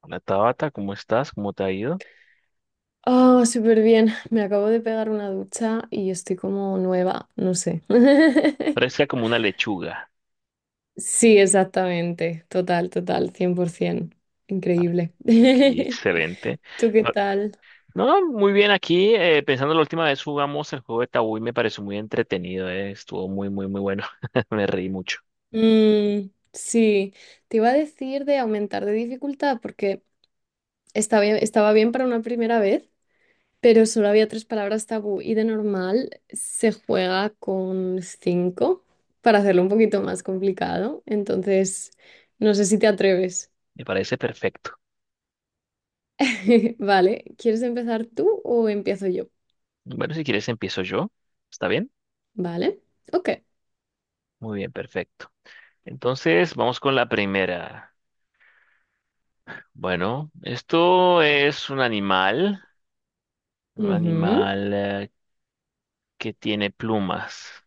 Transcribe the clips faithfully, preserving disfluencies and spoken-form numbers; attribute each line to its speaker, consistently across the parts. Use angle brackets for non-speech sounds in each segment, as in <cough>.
Speaker 1: Hola Tabata, ¿cómo estás? ¿Cómo te ha ido?
Speaker 2: Oh, súper bien. Me acabo de pegar una ducha y estoy como nueva, no sé. <laughs>
Speaker 1: Fresca como una lechuga.
Speaker 2: Sí, exactamente. Total, total, cien por ciento.
Speaker 1: A ver,
Speaker 2: Increíble.
Speaker 1: aquí, excelente.
Speaker 2: <laughs> ¿Tú qué
Speaker 1: Ah,
Speaker 2: tal?
Speaker 1: No, muy bien aquí. Eh, pensando la última vez jugamos el juego de Tabú y me pareció muy entretenido. eh, Estuvo muy, muy, muy bueno. <laughs> Me reí mucho.
Speaker 2: Mm, sí, te iba a decir de aumentar de dificultad porque estaba bien, estaba bien para una primera vez, pero solo había tres palabras tabú y de normal se juega con cinco para hacerlo un poquito más complicado. Entonces, no sé si te atreves.
Speaker 1: Me parece perfecto.
Speaker 2: <laughs> Vale, ¿quieres empezar tú o empiezo yo?
Speaker 1: Bueno, si quieres empiezo yo. ¿Está bien?
Speaker 2: Vale, ok.
Speaker 1: Muy bien, perfecto. Entonces, vamos con la primera. Bueno, esto es un animal, un
Speaker 2: Ujú.
Speaker 1: animal eh, que tiene plumas.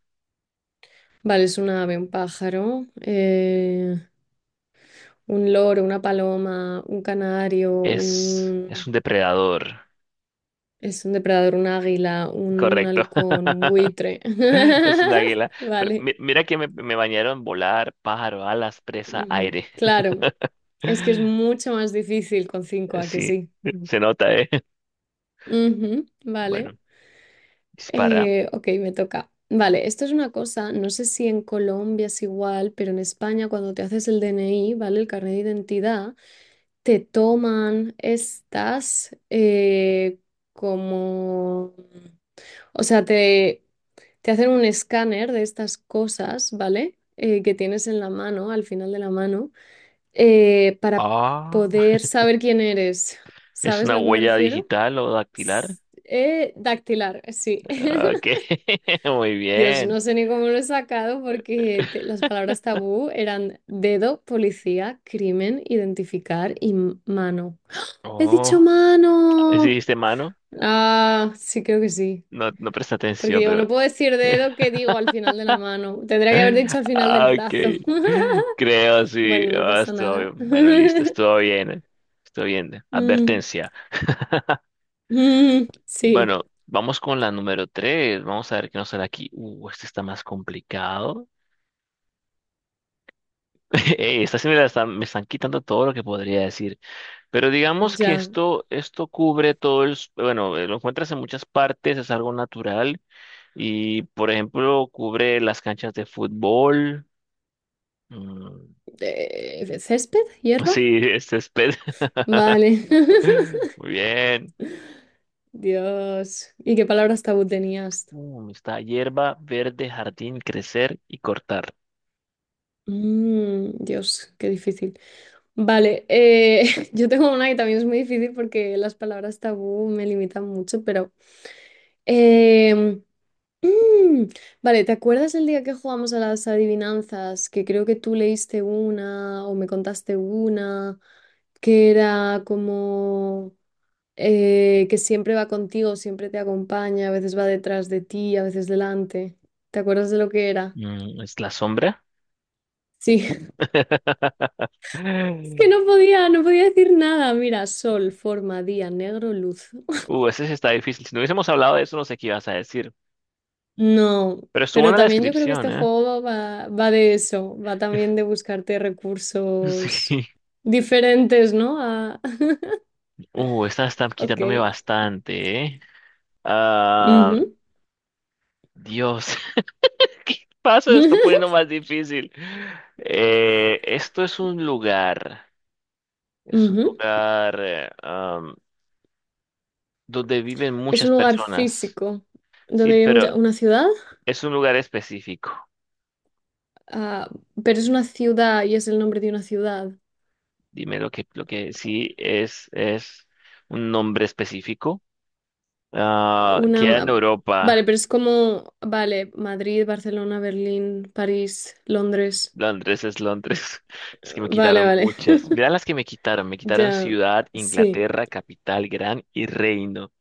Speaker 2: Vale, es un ave, un pájaro, eh, un loro, una paloma, un canario,
Speaker 1: Es, es
Speaker 2: un...
Speaker 1: un depredador.
Speaker 2: Es un depredador, un águila, un
Speaker 1: Correcto,
Speaker 2: halcón, un buitre.
Speaker 1: <laughs> es un
Speaker 2: <laughs>
Speaker 1: águila. Pero
Speaker 2: Vale,
Speaker 1: mi- mira que me, me bañaron volar, pájaro, alas, presa,
Speaker 2: ujú,
Speaker 1: aire.
Speaker 2: claro. Es que es
Speaker 1: <laughs>
Speaker 2: mucho más difícil con cinco, ¿a que
Speaker 1: Sí,
Speaker 2: sí?
Speaker 1: se nota, ¿eh? <laughs>
Speaker 2: Ujú, vale.
Speaker 1: Bueno, dispara.
Speaker 2: Eh, ok, me toca. Vale, esto es una cosa, no sé si en Colombia es igual, pero en España cuando te haces el D N I, ¿vale? El carnet de identidad, te toman estas eh, como... O sea, te, te hacen un escáner de estas cosas, ¿vale? Eh, que tienes en la mano, al final de la mano, eh, para
Speaker 1: Ah,
Speaker 2: poder
Speaker 1: <laughs>
Speaker 2: saber quién eres.
Speaker 1: ¿es
Speaker 2: ¿Sabes a
Speaker 1: una
Speaker 2: lo que me
Speaker 1: huella
Speaker 2: refiero?
Speaker 1: digital o dactilar?
Speaker 2: S- eh, dactilar, eh, sí.
Speaker 1: Ah, ok,
Speaker 2: <laughs>
Speaker 1: <laughs> muy
Speaker 2: Dios,
Speaker 1: bien.
Speaker 2: no sé ni cómo lo he sacado porque te- las palabras tabú eran dedo, policía, crimen, identificar y m- mano. He dicho
Speaker 1: Oh, ¿sí
Speaker 2: mano.
Speaker 1: dijiste mano?
Speaker 2: Ah, sí, creo que sí.
Speaker 1: No, no presta
Speaker 2: Porque
Speaker 1: atención,
Speaker 2: digo,
Speaker 1: pero...
Speaker 2: no puedo decir dedo, que digo al final de la mano. Tendría que haber dicho
Speaker 1: <laughs>
Speaker 2: al final del
Speaker 1: Ah,
Speaker 2: brazo.
Speaker 1: ok,
Speaker 2: <laughs>
Speaker 1: creo, sí.
Speaker 2: Bueno, no
Speaker 1: Ah,
Speaker 2: pasa
Speaker 1: estuvo
Speaker 2: nada.
Speaker 1: bien. Bueno, listo,
Speaker 2: <laughs>
Speaker 1: estuvo bien, ¿eh? Estuvo bien.
Speaker 2: Mm,
Speaker 1: Advertencia.
Speaker 2: mm, sí.
Speaker 1: Bueno, vamos con la número tres. Vamos a ver qué nos sale aquí. Uh, este está más complicado. <laughs> Ey, esta sí me, la están, me están quitando todo lo que podría decir. Pero digamos que
Speaker 2: Ya.
Speaker 1: esto, esto cubre todo el... s- Bueno, eh, lo encuentras en muchas partes, es algo natural. Y, por ejemplo, cubre las canchas de fútbol. Mm,
Speaker 2: Eh, ¿césped?
Speaker 1: <laughs>
Speaker 2: ¿Hierba?
Speaker 1: sí, es césped.
Speaker 2: Vale.
Speaker 1: <laughs>
Speaker 2: <laughs>
Speaker 1: Muy bien.
Speaker 2: Dios. ¿Y qué palabras tabú tenías?
Speaker 1: Uh, está hierba, verde, jardín, crecer y cortar.
Speaker 2: Mm, Dios, qué difícil. Vale, eh, <laughs> yo tengo una que también es muy difícil porque las palabras tabú me limitan mucho, pero... em, mm, vale, ¿te acuerdas el día que jugamos a las adivinanzas? Que creo que tú leíste una o me contaste una, que era como... eh, que siempre va contigo, siempre te acompaña, a veces va detrás de ti, a veces delante. ¿Te acuerdas de lo que era?
Speaker 1: Mm, es la sombra.
Speaker 2: Sí, <laughs> es
Speaker 1: <laughs>
Speaker 2: que no podía, no podía decir nada. Mira, sol, forma, día, negro, luz. <laughs>
Speaker 1: Uh, ese sí está difícil. Si no hubiésemos hablado de eso, no sé qué ibas a decir.
Speaker 2: No,
Speaker 1: Pero estuvo
Speaker 2: pero
Speaker 1: en la
Speaker 2: también yo creo que
Speaker 1: descripción,
Speaker 2: este
Speaker 1: ¿eh?
Speaker 2: juego va, va de eso, va también de buscarte
Speaker 1: <laughs>
Speaker 2: recursos
Speaker 1: Sí.
Speaker 2: diferentes, ¿no? A- <laughs>
Speaker 1: Uh, esta está
Speaker 2: Ok.
Speaker 1: quitándome bastante, ¿eh? Ah,
Speaker 2: Ujú.
Speaker 1: Dios. <laughs> Paso, está
Speaker 2: <laughs>
Speaker 1: poniendo más difícil. Eh, esto es un lugar. Es un
Speaker 2: Ujú.
Speaker 1: lugar eh, am, donde viven
Speaker 2: Es
Speaker 1: muchas
Speaker 2: un lugar
Speaker 1: personas.
Speaker 2: físico
Speaker 1: Sí,
Speaker 2: donde vive
Speaker 1: pero
Speaker 2: mucha- una ciudad.
Speaker 1: es un lugar específico.
Speaker 2: Ah, pero es una ciudad y es el nombre de una ciudad.
Speaker 1: Dime lo que, lo que sí es, es un nombre específico. Ah,
Speaker 2: Una,
Speaker 1: queda en
Speaker 2: ma- vale,
Speaker 1: Europa.
Speaker 2: pero es como, vale, Madrid, Barcelona, Berlín, París, Londres.
Speaker 1: Londres es Londres. <laughs> Es que me
Speaker 2: Vale,
Speaker 1: quitaron
Speaker 2: vale. <laughs>
Speaker 1: muchas. Mirá las que me quitaron. Me quitaron
Speaker 2: Ya,
Speaker 1: ciudad,
Speaker 2: sí.
Speaker 1: Inglaterra, capital, gran y reino.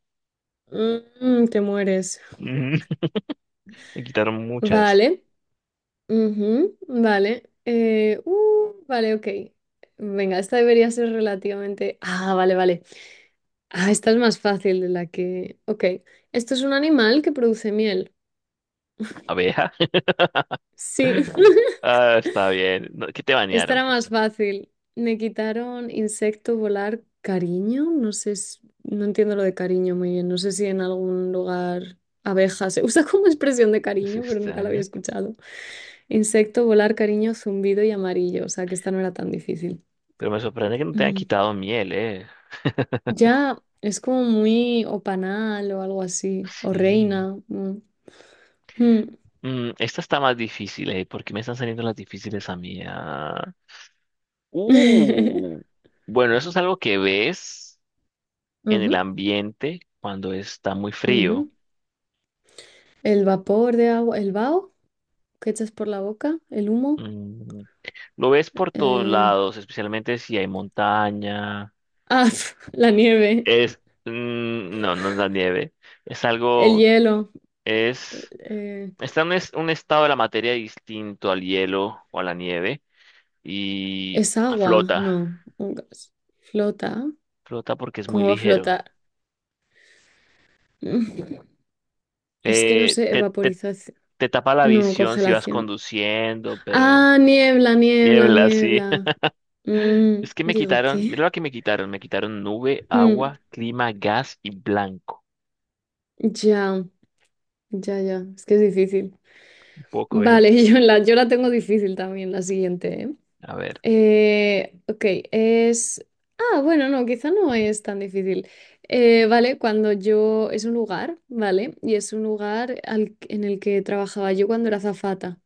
Speaker 2: Mm, te mueres.
Speaker 1: Ujú. <laughs> Me quitaron muchas.
Speaker 2: Vale. Ujú, vale. Eh, uh, vale, ok. Venga, esta debería ser relativamente... Ah, vale, vale. Ah, esta es más fácil de la que... Ok. Esto es un animal que produce miel.
Speaker 1: Abeja. <laughs>
Speaker 2: Sí. <laughs>
Speaker 1: Ah, está bien. No, ¿qué te
Speaker 2: Esta
Speaker 1: banearon,
Speaker 2: era
Speaker 1: por
Speaker 2: más
Speaker 1: cierto?
Speaker 2: fácil. Me quitaron insecto, volar, cariño. No sé, s- no entiendo lo de cariño muy bien. No sé si en algún lugar abeja se <laughs> usa como expresión de
Speaker 1: Es
Speaker 2: cariño, pero nunca la había
Speaker 1: extraño.
Speaker 2: escuchado. Insecto, volar, cariño, zumbido y amarillo. O sea que esta no era tan difícil.
Speaker 1: Pero me sorprende que no te hayan
Speaker 2: Mm.
Speaker 1: quitado miel, ¿eh?
Speaker 2: Ya es como muy, o panal o algo así. O
Speaker 1: Sí.
Speaker 2: reina. Mm. Mm.
Speaker 1: Mm, esta está más difícil, ¿eh? ¿Por qué me están saliendo las difíciles a mí? Ah. Uh.
Speaker 2: <laughs>
Speaker 1: Bueno, eso es algo que ves en el
Speaker 2: Ujú,
Speaker 1: ambiente cuando está muy frío.
Speaker 2: ujú. El vapor de agua, el vaho que echas por la boca, el humo.
Speaker 1: Mm, lo ves por todos
Speaker 2: eh,
Speaker 1: lados, especialmente si hay montaña.
Speaker 2: Ah, <laughs> la nieve,
Speaker 1: Es, mm, no, no es la nieve. Es
Speaker 2: el
Speaker 1: algo, que-
Speaker 2: hielo,
Speaker 1: es,
Speaker 2: eh,
Speaker 1: está en un, es- un estado de la materia distinto al hielo o a la nieve y
Speaker 2: ¿es agua?
Speaker 1: flota.
Speaker 2: No, un gas. ¿Flota?
Speaker 1: Flota porque es muy
Speaker 2: ¿Cómo va a
Speaker 1: ligero.
Speaker 2: flotar? <laughs> Mm, Es que no
Speaker 1: Eh,
Speaker 2: sé,
Speaker 1: te, te,
Speaker 2: evaporización.
Speaker 1: te tapa la
Speaker 2: No,
Speaker 1: visión si vas
Speaker 2: congelación.
Speaker 1: conduciendo, pero
Speaker 2: Ah, niebla, niebla,
Speaker 1: niebla, sí.
Speaker 2: niebla.
Speaker 1: <laughs>
Speaker 2: Mm,
Speaker 1: Es que me
Speaker 2: digo,
Speaker 1: quitaron,
Speaker 2: ¿qué?
Speaker 1: mira lo que me quitaron. Me quitaron nube,
Speaker 2: Mm,
Speaker 1: agua, clima, gas y blanco.
Speaker 2: ya, ya, ya, es que es difícil.
Speaker 1: Un poco, eh.
Speaker 2: Vale, <laughs> yo la, yo la tengo difícil también, la siguiente, ¿eh?
Speaker 1: A ver.
Speaker 2: Eh, ok, es... Ah, bueno, no, quizá no es tan difícil. Eh, vale, cuando yo... Es un lugar, ¿vale? Y es un lugar al- en el que trabajaba yo cuando era azafata.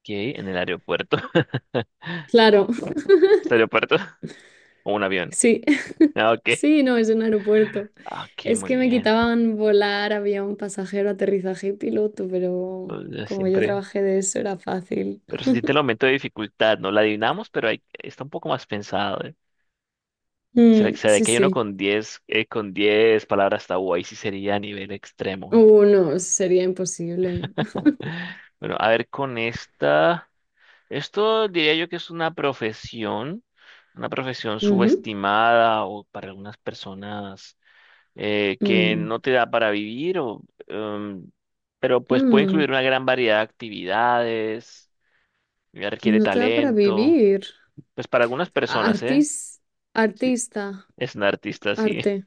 Speaker 1: Ok, en el aeropuerto. <laughs>
Speaker 2: Claro, <laughs>
Speaker 1: ¿Es aeropuerto? ¿O un avión?
Speaker 2: sí, <laughs>
Speaker 1: Ah, ok.
Speaker 2: sí, no, es un aeropuerto.
Speaker 1: Ah, ok,
Speaker 2: Es
Speaker 1: muy
Speaker 2: que me
Speaker 1: bien.
Speaker 2: quitaban volar, había un pasajero, aterrizaje y piloto, pero
Speaker 1: O
Speaker 2: como yo
Speaker 1: siempre.
Speaker 2: trabajé de eso era fácil.
Speaker 1: Pero se siente el aumento de dificultad, ¿no? La adivinamos, pero hay- está un poco más pensado, ¿eh? ¿Será,
Speaker 2: Mm,
Speaker 1: será
Speaker 2: sí,
Speaker 1: que hay uno
Speaker 2: sí.
Speaker 1: con diez, eh, con diez palabras tabú? Ahí sí sería a nivel extremo.
Speaker 2: Uh,
Speaker 1: <gasps>
Speaker 2: no, sería imposible.
Speaker 1: <sighs> Bueno, a ver, con esta. Esto diría yo que es una profesión, una profesión
Speaker 2: Ujú.
Speaker 1: subestimada o para algunas personas eh, que
Speaker 2: Mm.
Speaker 1: no te da para vivir, o, em, pero pues puede incluir
Speaker 2: Mm.
Speaker 1: una gran variedad de actividades, ya requiere
Speaker 2: No te da para
Speaker 1: talento,
Speaker 2: vivir.
Speaker 1: pues para algunas personas, ¿eh?
Speaker 2: Artis,
Speaker 1: Sí,
Speaker 2: artista,
Speaker 1: es un artista, sí.
Speaker 2: arte.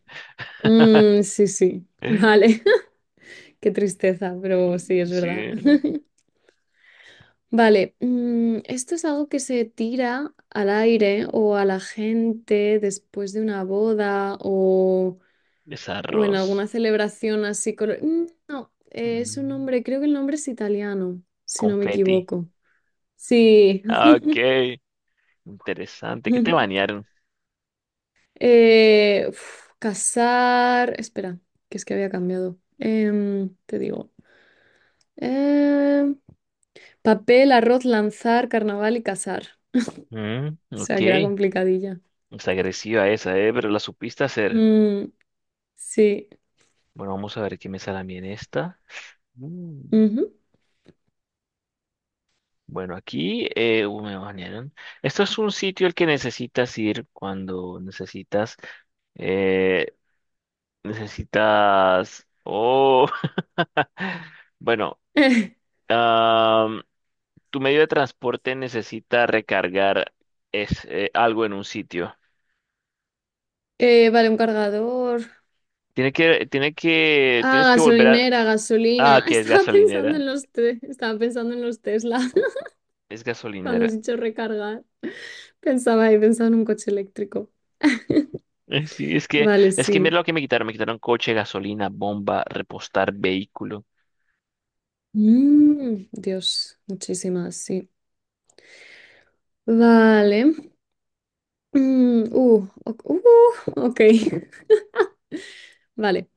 Speaker 2: Mm, sí, sí, <laughs>
Speaker 1: <laughs>
Speaker 2: vale. <laughs> Qué tristeza, pero sí, es verdad.
Speaker 1: Sí,
Speaker 2: <laughs> Vale, mm, esto es algo que se tira al aire o a la gente después de una boda, o,
Speaker 1: es
Speaker 2: o en alguna
Speaker 1: arroz,
Speaker 2: celebración así. colo- Mm, no, eh, es un
Speaker 1: mm,
Speaker 2: nombre, creo que el nombre es italiano, si no me
Speaker 1: confeti.
Speaker 2: equivoco. Sí.
Speaker 1: Ah, ok, interesante, ¿qué te
Speaker 2: <laughs>
Speaker 1: bañaron?
Speaker 2: Eh, uf, cazar. Espera, que es que había cambiado. Em, te digo. em, papel, arroz, lanzar, carnaval y cazar.
Speaker 1: Mm,
Speaker 2: O
Speaker 1: ok,
Speaker 2: sea, que era complicadilla.
Speaker 1: es agresiva esa, ¿eh? Pero la supiste hacer.
Speaker 2: Mm, sí.
Speaker 1: Bueno, vamos a ver qué me sale a mí en esta. Mm.
Speaker 2: Ujú.
Speaker 1: Bueno, aquí eh, uh, me banearon. Esto es un sitio al que necesitas ir cuando necesitas, eh, necesitas, oh, <laughs> bueno,
Speaker 2: <laughs>
Speaker 1: am, tu medio de transporte necesita recargar es, eh, algo en un sitio.
Speaker 2: Eh, vale, un cargador.
Speaker 1: Tiene que, tiene que,
Speaker 2: Ah,
Speaker 1: tienes que volver a,
Speaker 2: gasolinera,
Speaker 1: ah,
Speaker 2: gasolina. <laughs>
Speaker 1: que es
Speaker 2: Estaba pensando
Speaker 1: gasolinera,
Speaker 2: en los te- estaba pensando en los Tesla. <laughs>
Speaker 1: es
Speaker 2: Cuando has
Speaker 1: gasolinera.
Speaker 2: dicho
Speaker 1: <laughs>
Speaker 2: recargar, pensaba y pensaba en un coche eléctrico.
Speaker 1: Eh, Sí, es que,
Speaker 2: Vale,
Speaker 1: es que mira
Speaker 2: sí.
Speaker 1: lo que me quitaron, me quitaron coche, gasolina, bomba, repostar vehículo.
Speaker 2: Mm, Dios, muchísimas, sí. Vale. Mm, uh, ok. uh, ok. <laughs> Vale.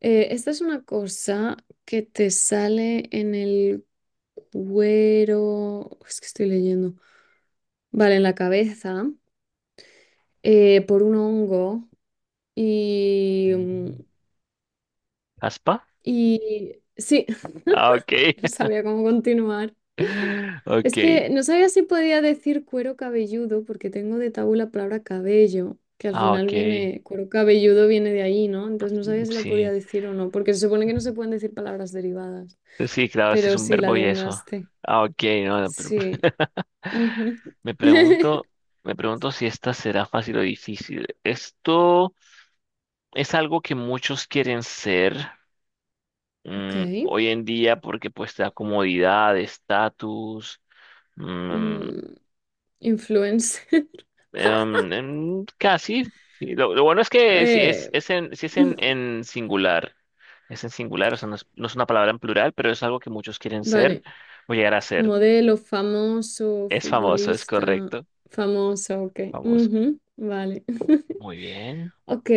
Speaker 2: Eh, esta es una cosa que te sale en el cuero. Es que estoy leyendo. Vale, en la cabeza, eh, por un hongo. Y. mm,
Speaker 1: Mm. ¿Aspa?
Speaker 2: Y. Sí,
Speaker 1: Ah, ok.
Speaker 2: <laughs> no sabía cómo continuar.
Speaker 1: <laughs>
Speaker 2: Es
Speaker 1: Ok.
Speaker 2: que no sabía si podía decir cuero cabelludo, porque tengo de tabú la palabra cabello, que al
Speaker 1: Ah,
Speaker 2: final
Speaker 1: ok.
Speaker 2: viene, cuero cabelludo viene de ahí, ¿no? Entonces no
Speaker 1: Mm,
Speaker 2: sabía si la podía
Speaker 1: sí.
Speaker 2: decir o no, porque se supone que no se pueden decir palabras derivadas.
Speaker 1: Pues sí, claro, sí es
Speaker 2: Pero
Speaker 1: un
Speaker 2: sí, la
Speaker 1: verbo y eso.
Speaker 2: adivinaste.
Speaker 1: Ah, ok. No, no, pero...
Speaker 2: Sí.
Speaker 1: <laughs>
Speaker 2: Ujú.
Speaker 1: me
Speaker 2: <laughs>
Speaker 1: pregunto, me pregunto si esta será fácil o difícil. Esto es algo que muchos quieren ser
Speaker 2: Ok.
Speaker 1: mm, hoy en día porque pues te da comodidad, estatus. mm,
Speaker 2: Mm, influencer. <laughs>
Speaker 1: Em, em, casi. Sí, Lo, lo bueno es que si es,
Speaker 2: Eh,
Speaker 1: es en, si es en, en singular, es en singular, o sea, no es, no es una palabra en plural, pero es algo que muchos
Speaker 2: <laughs>
Speaker 1: quieren ser
Speaker 2: vale.
Speaker 1: o llegar a ser.
Speaker 2: Modelo, famoso,
Speaker 1: Es famoso, es
Speaker 2: futbolista,
Speaker 1: correcto.
Speaker 2: famoso, ok.
Speaker 1: Famoso.
Speaker 2: Ujú, vale. <laughs>
Speaker 1: Muy bien.
Speaker 2: Ok,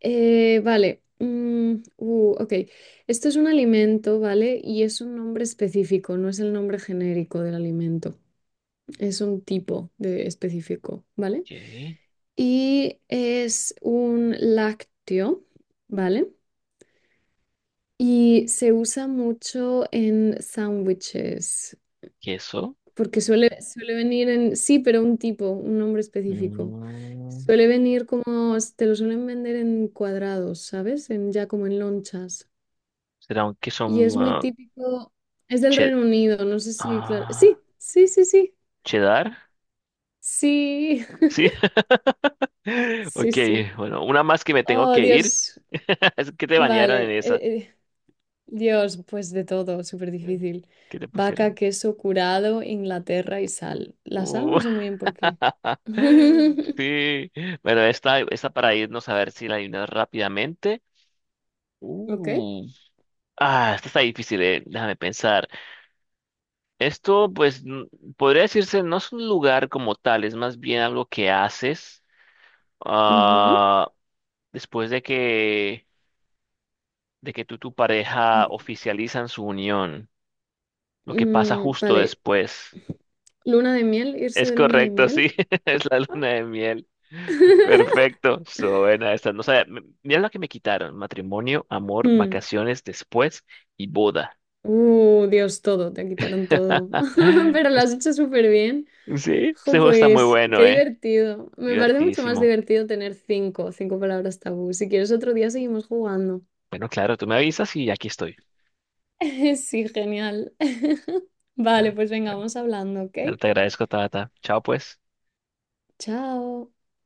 Speaker 2: eh, vale. Mm, uh, ok, esto es un alimento, ¿vale? Y es un nombre específico, no es el nombre genérico del alimento, es un tipo de específico, ¿vale?
Speaker 1: Ok.
Speaker 2: Y es un lácteo, ¿vale? Y se usa mucho en sándwiches.
Speaker 1: Queso.
Speaker 2: Porque suele, suele venir en, sí, pero un tipo, un nombre específico.
Speaker 1: Mm,
Speaker 2: Suele venir como, te lo suelen vender en cuadrados, ¿sabes? En, ya como en lonchas.
Speaker 1: ¿será un queso
Speaker 2: Y es
Speaker 1: mm,
Speaker 2: muy
Speaker 1: ah,
Speaker 2: típico, es del
Speaker 1: che-
Speaker 2: Reino Unido, no sé si, claro.
Speaker 1: ah,
Speaker 2: Sí, sí, sí, sí,
Speaker 1: cheddar?
Speaker 2: sí,
Speaker 1: Sí. <laughs>
Speaker 2: <laughs> sí,
Speaker 1: Ok,
Speaker 2: sí.
Speaker 1: bueno, una más que me tengo
Speaker 2: Oh,
Speaker 1: que ir.
Speaker 2: Dios,
Speaker 1: <laughs> Es que te bañaron
Speaker 2: vale.
Speaker 1: en esa.
Speaker 2: eh, eh, Dios, pues de todo, súper difícil.
Speaker 1: ¿Que te
Speaker 2: Vaca,
Speaker 1: pusieron?
Speaker 2: queso curado, Inglaterra y sal. La sal
Speaker 1: Uh,
Speaker 2: no sé muy bien por qué.
Speaker 1: <laughs>
Speaker 2: <laughs>
Speaker 1: sí. Bueno, esta, esta para irnos a ver si la adivinas rápidamente.
Speaker 2: Ok.
Speaker 1: Uh, ah, esta está difícil, eh. Déjame pensar. Esto, pues, n- podría decirse, no es un lugar como tal, es más bien algo que haces
Speaker 2: Ujú.
Speaker 1: ah, después de que, de que tú y tu pareja
Speaker 2: <laughs>
Speaker 1: oficializan su unión, lo que pasa
Speaker 2: Mm,
Speaker 1: justo
Speaker 2: vale.
Speaker 1: después.
Speaker 2: Luna de miel, irse
Speaker 1: Es
Speaker 2: de luna de
Speaker 1: correcto,
Speaker 2: miel.
Speaker 1: sí, <laughs> es la
Speaker 2: Ah.
Speaker 1: luna de miel.
Speaker 2: <laughs>
Speaker 1: Perfecto, suena esta. No sabía, m- mira lo que me quitaron: matrimonio, amor,
Speaker 2: Mm.
Speaker 1: vacaciones después y boda.
Speaker 2: Uh, Dios, todo, te quitaron todo.
Speaker 1: <laughs>
Speaker 2: <laughs> Pero lo
Speaker 1: Es-
Speaker 2: has hecho súper bien.
Speaker 1: Sí, este
Speaker 2: Jo,
Speaker 1: juego está muy
Speaker 2: pues, qué
Speaker 1: bueno, ¿eh?
Speaker 2: divertido. Me parece mucho más
Speaker 1: Divertidísimo.
Speaker 2: divertido tener cinco, cinco palabras tabú. Si quieres otro día seguimos jugando.
Speaker 1: Bueno, claro, tú me avisas y aquí estoy.
Speaker 2: <laughs> Sí, genial. <laughs> Vale,
Speaker 1: Bueno,
Speaker 2: pues venga,
Speaker 1: bueno,
Speaker 2: vamos hablando, ¿ok?
Speaker 1: bueno, te agradezco, Tata. Chao, pues.
Speaker 2: Chao.